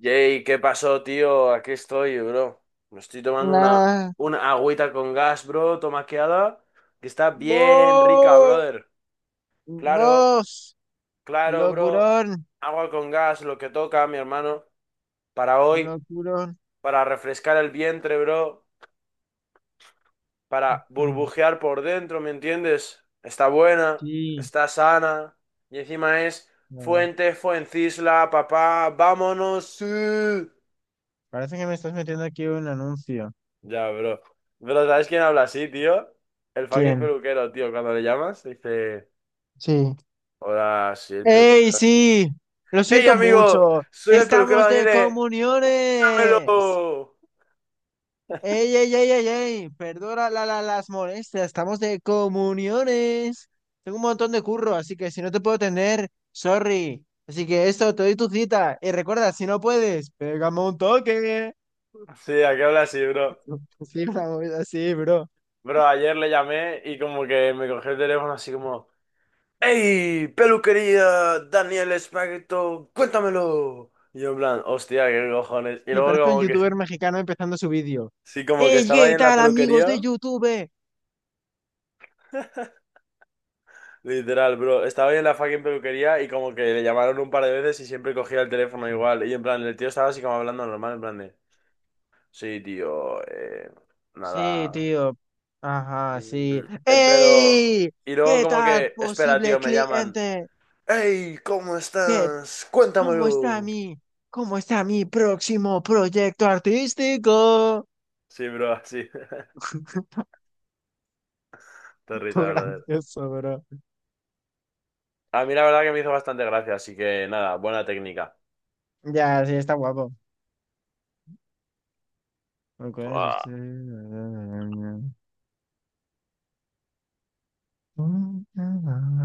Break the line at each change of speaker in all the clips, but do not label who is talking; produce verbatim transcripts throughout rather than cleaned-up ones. Jay, ¿qué pasó, tío? Aquí estoy, bro. Me estoy tomando una,
Nah.
una agüita con gas, bro, tomaqueada, que está bien rica,
Vos,
brother. Claro,
vos,
claro, bro.
locurón,
Agua con gas, lo que toca, mi hermano, para hoy,
locurón.
para refrescar el vientre, bro, para
Ujú.
burbujear por dentro, ¿me entiendes? Está buena,
Sí,
está sana, y encima es
a ver.
Fuente, Fuencisla, papá, vámonos. Sí.
Parece que me estás metiendo aquí un anuncio.
Ya, bro. Pero ¿sabes quién habla así, tío? El fucking
¿Quién?
peluquero, tío. Cuando le llamas, dice,
Sí.
hola, sí, el
¡Ey,
peluquero.
sí! Lo
¡Hey,
siento
amigo!
mucho.
Soy el peluquero
Estamos de
Daniele.
comuniones.
¡Cuéntamelo!
Ey, ey, ey, ey, ey, perdona la, la- las molestias, estamos de comuniones. Tengo un montón de curro, así que si no te puedo tener, sorry. Así que esto, te doy tu cita. Y recuerda, si no puedes, pégame un toque.
Sí, ¿a qué habla así, bro?
Sí, una movida así, bro.
Bro, ayer le llamé y como que me cogió el teléfono así como, ¡Hey, peluquería Daniel Espaghetto! ¡Cuéntamelo! Y yo en plan, hostia, qué cojones. Y
Sí,
luego
parece un
como que,
youtuber mexicano empezando su vídeo.
sí, como que
¡Ey,
estaba ahí
qué
en la
tal, amigos de
peluquería.
YouTube!
Literal, bro. Estaba yo en la fucking peluquería y como que le llamaron un par de veces y siempre cogía el teléfono
Sí,
igual. Y en plan, el tío estaba así como hablando normal, en plan de, sí, tío, eh,
sí,
nada.
tío. Ajá,
mm,
sí.
El pelo.
¡Ey!
Y luego
¿Qué
como
tal,
que, espera,
posible
tío, me llaman.
cliente?
¡Hey! ¿Cómo
Qué
estás?
¿Cómo está
Cuéntamelo.
mi, cómo está mi próximo proyecto artístico?
Sí, bro, así. Te
Tú
risa, brother.
gracioso, bro.
A mí la verdad que me hizo bastante gracia, así que nada, buena técnica.
Ya, sí, está guapo. Me acuerdo
Fua.
si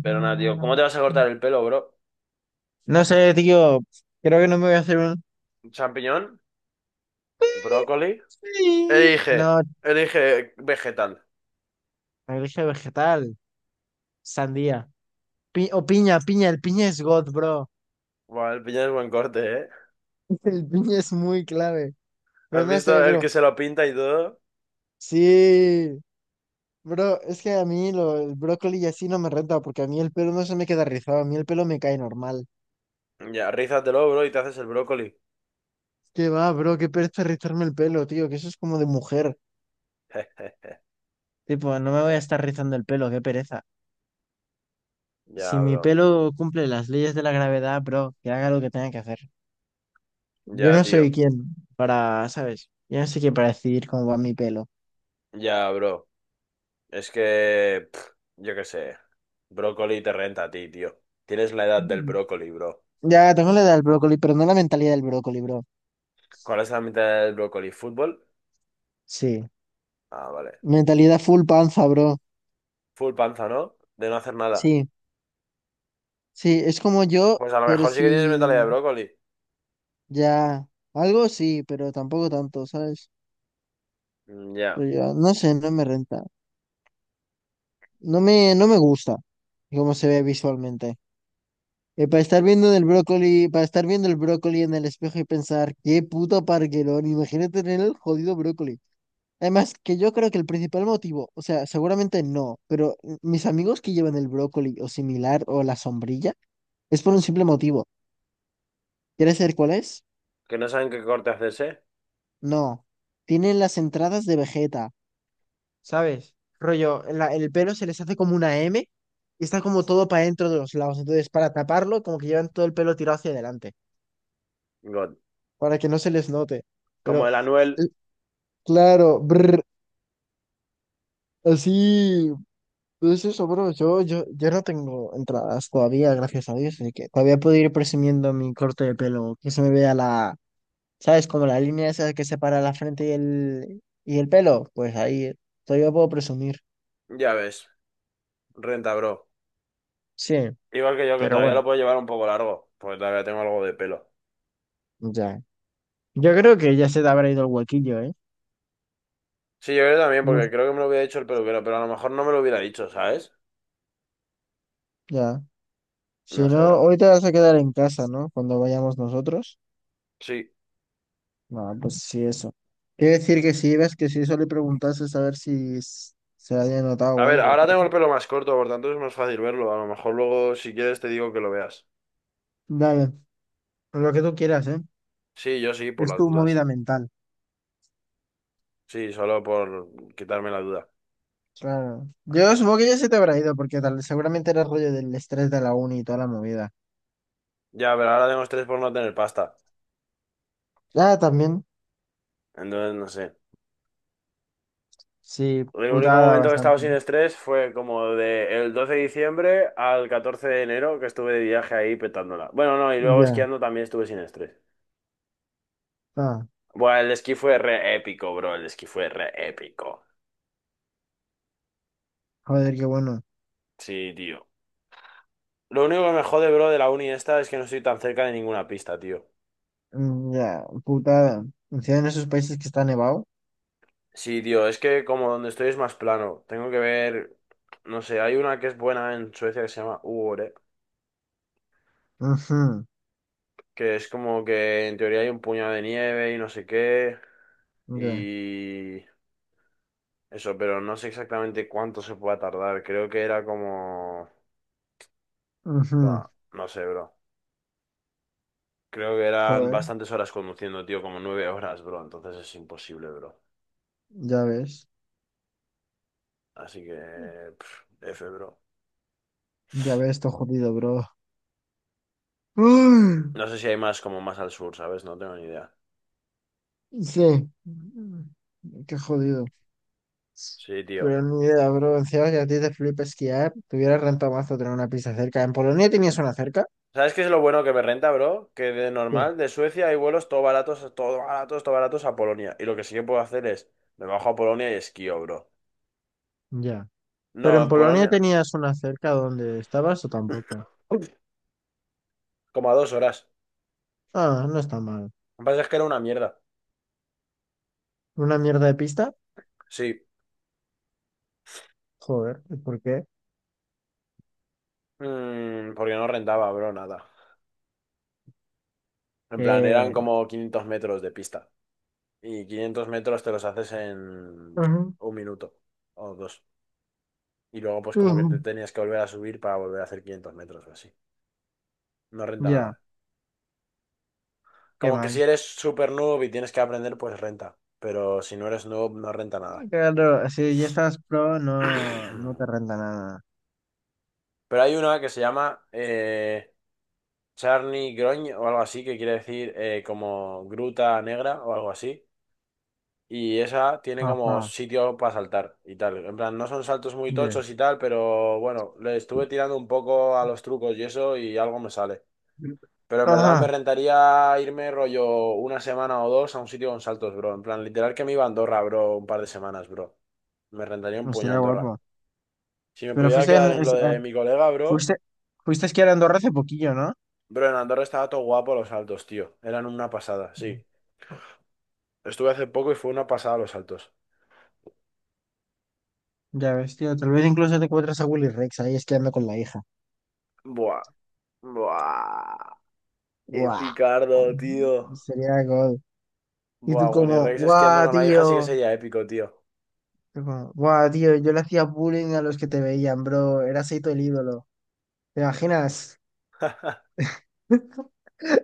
Pero nada, tío, ¿cómo te vas a cortar el pelo, bro?
No sé, tío. Creo que no me voy a hacer un...
¿Champiñón? ¿Brócoli?
Sí.
Elige,
No,
elige vegetal.
dije vegetal, sandía. Pi- o piña, piña. El piña es God, bro.
Buah, el piñón es buen corte, ¿eh?
El piña es muy clave. Pero
¿Has
no
visto
sé,
el que
bro.
se lo pinta y todo?
Sí. Bro, es que a mí lo- el brócoli y así no me renta, porque a mí el pelo no se me queda rizado, a mí el pelo me cae normal.
Ya, rízatelo, bro, y te haces el brócoli.
¿Qué va, bro? Qué pereza rizarme el pelo, tío, que eso es como de mujer. Tipo, no me voy a estar rizando el pelo, qué pereza. Si
Ya,
mi
bro.
pelo cumple las leyes de la gravedad, bro, que haga lo que tenga que hacer. Yo
Ya,
no soy
tío.
quien para, ¿sabes? Yo no soy quien para decidir cómo va mi pelo.
Ya, bro. Es que... pff, yo qué sé. Brócoli te renta a ti, tío. Tienes la edad del
Mm.
brócoli, bro.
Ya, tengo la edad del brócoli, pero no la mentalidad del brócoli, bro.
¿Cuál es la mitad del brócoli? ¿Fútbol?
Sí.
Ah, vale.
Mentalidad full panza, bro.
Full panza, ¿no? De no hacer nada.
Sí, sí, es como yo,
Pues a lo
pero
mejor sí que tienes mentalidad de
sí.
brócoli.
Ya, algo sí, pero tampoco tanto, ¿sabes?
Mm, ya.
Pero yo, no sé, no me renta. No me, no me gusta cómo se ve visualmente. Eh, para estar viendo el brócoli, para estar viendo el brócoli en el espejo y pensar, qué puto parguelón, imagínate tener el jodido brócoli. Además, que yo creo que el principal motivo, o sea, seguramente no, pero mis amigos que llevan el brócoli o similar o la sombrilla, es por un simple motivo. ¿Quieres saber cuál es?
Que no saben qué corte hacerse.
No. Tienen las entradas de Vegeta. ¿Sabes? Rollo, la- el pelo se les hace como una M y está como todo para dentro de los lados. Entonces, para taparlo, como que llevan todo el pelo tirado hacia adelante,
God.
para que no se les note. Pero,
Como el Anuel,
eh, claro, brr, así, pues eso, bro. Yo, yo, yo no tengo entradas todavía, gracias a Dios, así que todavía puedo ir presumiendo mi corte de pelo, que se me vea la, ¿sabes? Como la línea esa que separa la frente y el, y el pelo. Pues ahí, todavía puedo presumir.
ya ves. Renta, bro.
Sí,
Igual que yo, que
pero
todavía
bueno,
lo puedo llevar un poco largo, porque todavía tengo algo de pelo.
ya. Yo creo que ya se te habrá ido el huequillo, ¿eh?
Sí, yo creo también,
No,
porque creo que me lo hubiera dicho el peluquero, pero a lo mejor no me lo hubiera dicho, ¿sabes?
ya. Si
No sé,
no,
bro.
hoy te vas a quedar en casa, ¿no? Cuando vayamos nosotros.
Sí.
No, pues sí, eso. Quiere decir que si ibas, que si eso le preguntases a ver si s- se había notado
A
o
ver,
algo,
ahora
pero...
tengo el pelo más corto, por tanto es más fácil verlo. A lo mejor luego, si quieres, te digo que lo veas.
Dale, lo que tú quieras, ¿eh?
Sí, yo sí, por
Es
las
tu
dudas.
movida mental.
Sí, solo por quitarme la duda.
Claro. Yo supongo que ya se te habrá ido, porque tal, seguramente era rollo del estrés de la uni y toda la movida.
Ya, pero ahora tengo estrés por no tener pasta.
Ah, también.
Entonces, no sé.
Sí,
El único
putada
momento que he estado
bastante.
sin estrés fue como de el doce de diciembre al catorce de enero que estuve de viaje ahí petándola. Bueno, no, y luego
Ya.
esquiando también estuve sin estrés.
Ah,
Buah, el esquí fue re épico, bro. El esquí fue re épico.
joder, qué bueno.
Sí, tío. Lo único que me jode, bro, de la uni esta es que no estoy tan cerca de ninguna pista, tío.
Mm, ya, putada. Si en esos países que está nevado.
Sí, tío, es que como donde estoy es más plano. Tengo que ver, no sé, hay una que es buena en Suecia que se llama Uore,
Ujú,
que es como que en teoría hay un puñado de nieve y no sé qué.
ya.
Y... Eso, pero no sé exactamente cuánto se pueda tardar. Creo que era como...
Ujú.
Buah, no sé, bro. Creo que eran
Joder,
bastantes horas conduciendo, tío, como nueve horas, bro. Entonces es imposible, bro.
ya ves.
Así que... pf, F, bro.
Ya ves, esto jodido, bro. Uy,
No sé si hay más como más al sur, ¿sabes? No tengo ni idea.
sí. Qué jodido.
Sí, tío.
Pero ni idea, bro. Encima que a ti te flipa esquiar, te hubiera rentado mazo tener una pista cerca. ¿En Polonia tenías una cerca?
¿Sabes qué es lo bueno que me renta, bro? Que de
Sí.
normal, de Suecia hay vuelos todo baratos, todo baratos, todo baratos a Polonia. Y lo que sí que puedo hacer es, me bajo a Polonia y esquío, bro.
Ya.
No,
¿Pero en
en
Polonia
Polonia,
tenías una cerca donde estabas o tampoco?
como a dos horas.
Ah, no está mal.
Lo que pasa es que era una mierda.
¿Una mierda de pista?
Sí,
Joder, ¿y ¿por qué?
Mm, porque no rentaba, bro, nada. En plan, eran
Eh,
como quinientos metros de pista. Y quinientos metros te los haces en un minuto o dos. Y luego, pues, como que
Ujú.
te tenías que volver a subir para volver a hacer quinientos metros o así. No renta
Ya,
nada.
qué
Como que si
mal.
eres super noob y tienes que aprender, pues renta. Pero si no eres noob, no renta nada.
Claro, si ya estás pro, no, no te renta nada.
Pero hay una que se llama eh, Charny Groñ o algo así, que quiere decir eh, como gruta negra o algo así. Y esa tiene como
Ajá,
sitio para saltar y tal. En plan, no son saltos muy
bien.
tochos y tal, pero bueno, le estuve tirando un poco a los trucos y eso y algo me sale. Pero en verdad me
Ajá,
rentaría irme rollo una semana o dos a un sitio con saltos, bro. En plan, literal que me iba a Andorra, bro, un par de semanas, bro. Me rentaría
no
un puño a
estaría
Andorra.
guapo.
Si me
Pero
pudiera
fuiste,
quedar
en-
en lo
es- eh,
de mi colega, bro,
fuiste, fuiste a esquiar a Andorra hace poquillo, ¿no?
bro, en Andorra estaba todo guapo los saltos, tío. Eran una pasada, sí.
Mm.
Estuve hace poco y fue una pasada los saltos.
Ya ves, tío, tal vez incluso te encuentras a Willy Rex ahí esquiando con la hija.
Buah, buah. Qué
¡Guau!
picardo, tío.
Sería God. Y tú
Buah, Willy
como,
Rex esquiando
¡guau,
con la hija sí que
tío!
sería épico, tío.
Yo como, ¡guau, tío! Yo le hacía bullying a los que te veían, bro. Eras ahí todo el ídolo. ¿Te imaginas?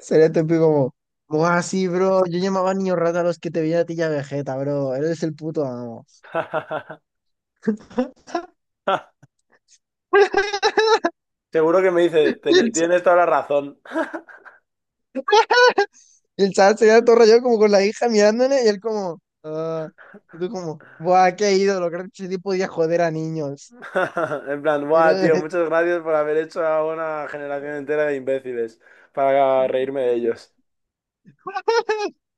Sería típico como, buah, sí, bro, yo llamaba niño rata a los que te veía a ti ya Vegeta, bro, eres el puto amo.
Seguro que me dice,
Y
"Teni-
el, ch-
tienes toda la razón.
y el chaval sería todo rayado como con la hija mirándole y él como, ah, y tú como, buah, qué ídolo, creo que ese tipo podía joder a niños.
En plan, buah, tío,
Era-
muchas gracias por haber hecho a una generación entera de imbéciles para reírme de ellos.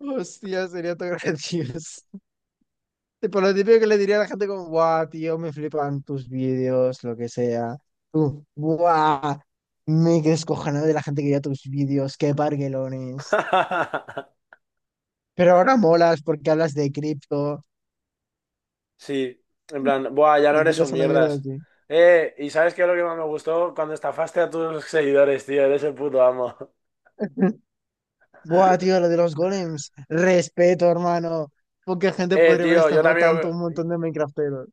Hostia, sería todo gracioso. Tipo, lo típico que le diría a la gente como, guau, tío, me flipan tus vídeos, lo que sea. Tú, guau, me descojonado de la gente que veía tus vídeos, qué parguelones. Pero ahora molas porque hablas de cripto.
Sí, en plan, buah, ya no
Me
eres un
tiras una mierda
mierdas.
así.
Eh, ¿y sabes qué es lo que más me gustó? Cuando estafaste a tus seguidores, tío, eres el puto amo.
Buah, tío, lo de los golems. Respeto, hermano. Poca gente
Eh,
podría haber
tío, yo
estafado
también
tanto
lo
a un montón de Minecrafteros.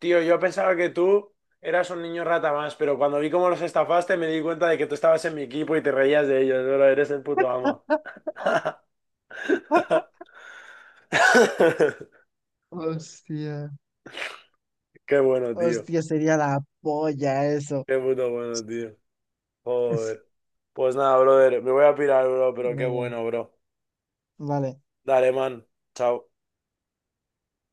Tío, yo pensaba que tú eras un niño rata más, pero cuando vi cómo los estafaste me di cuenta de que tú estabas en mi equipo y te reías de ellos, bro, eres el puto amo.
Hostia.
Qué bueno, tío.
Hostia, sería la polla eso.
Qué puto bueno, tío. Joder. Pues nada, brother, me voy a pirar, bro, pero qué
Vale,
bueno, bro.
vale.
Dale, man. Chao.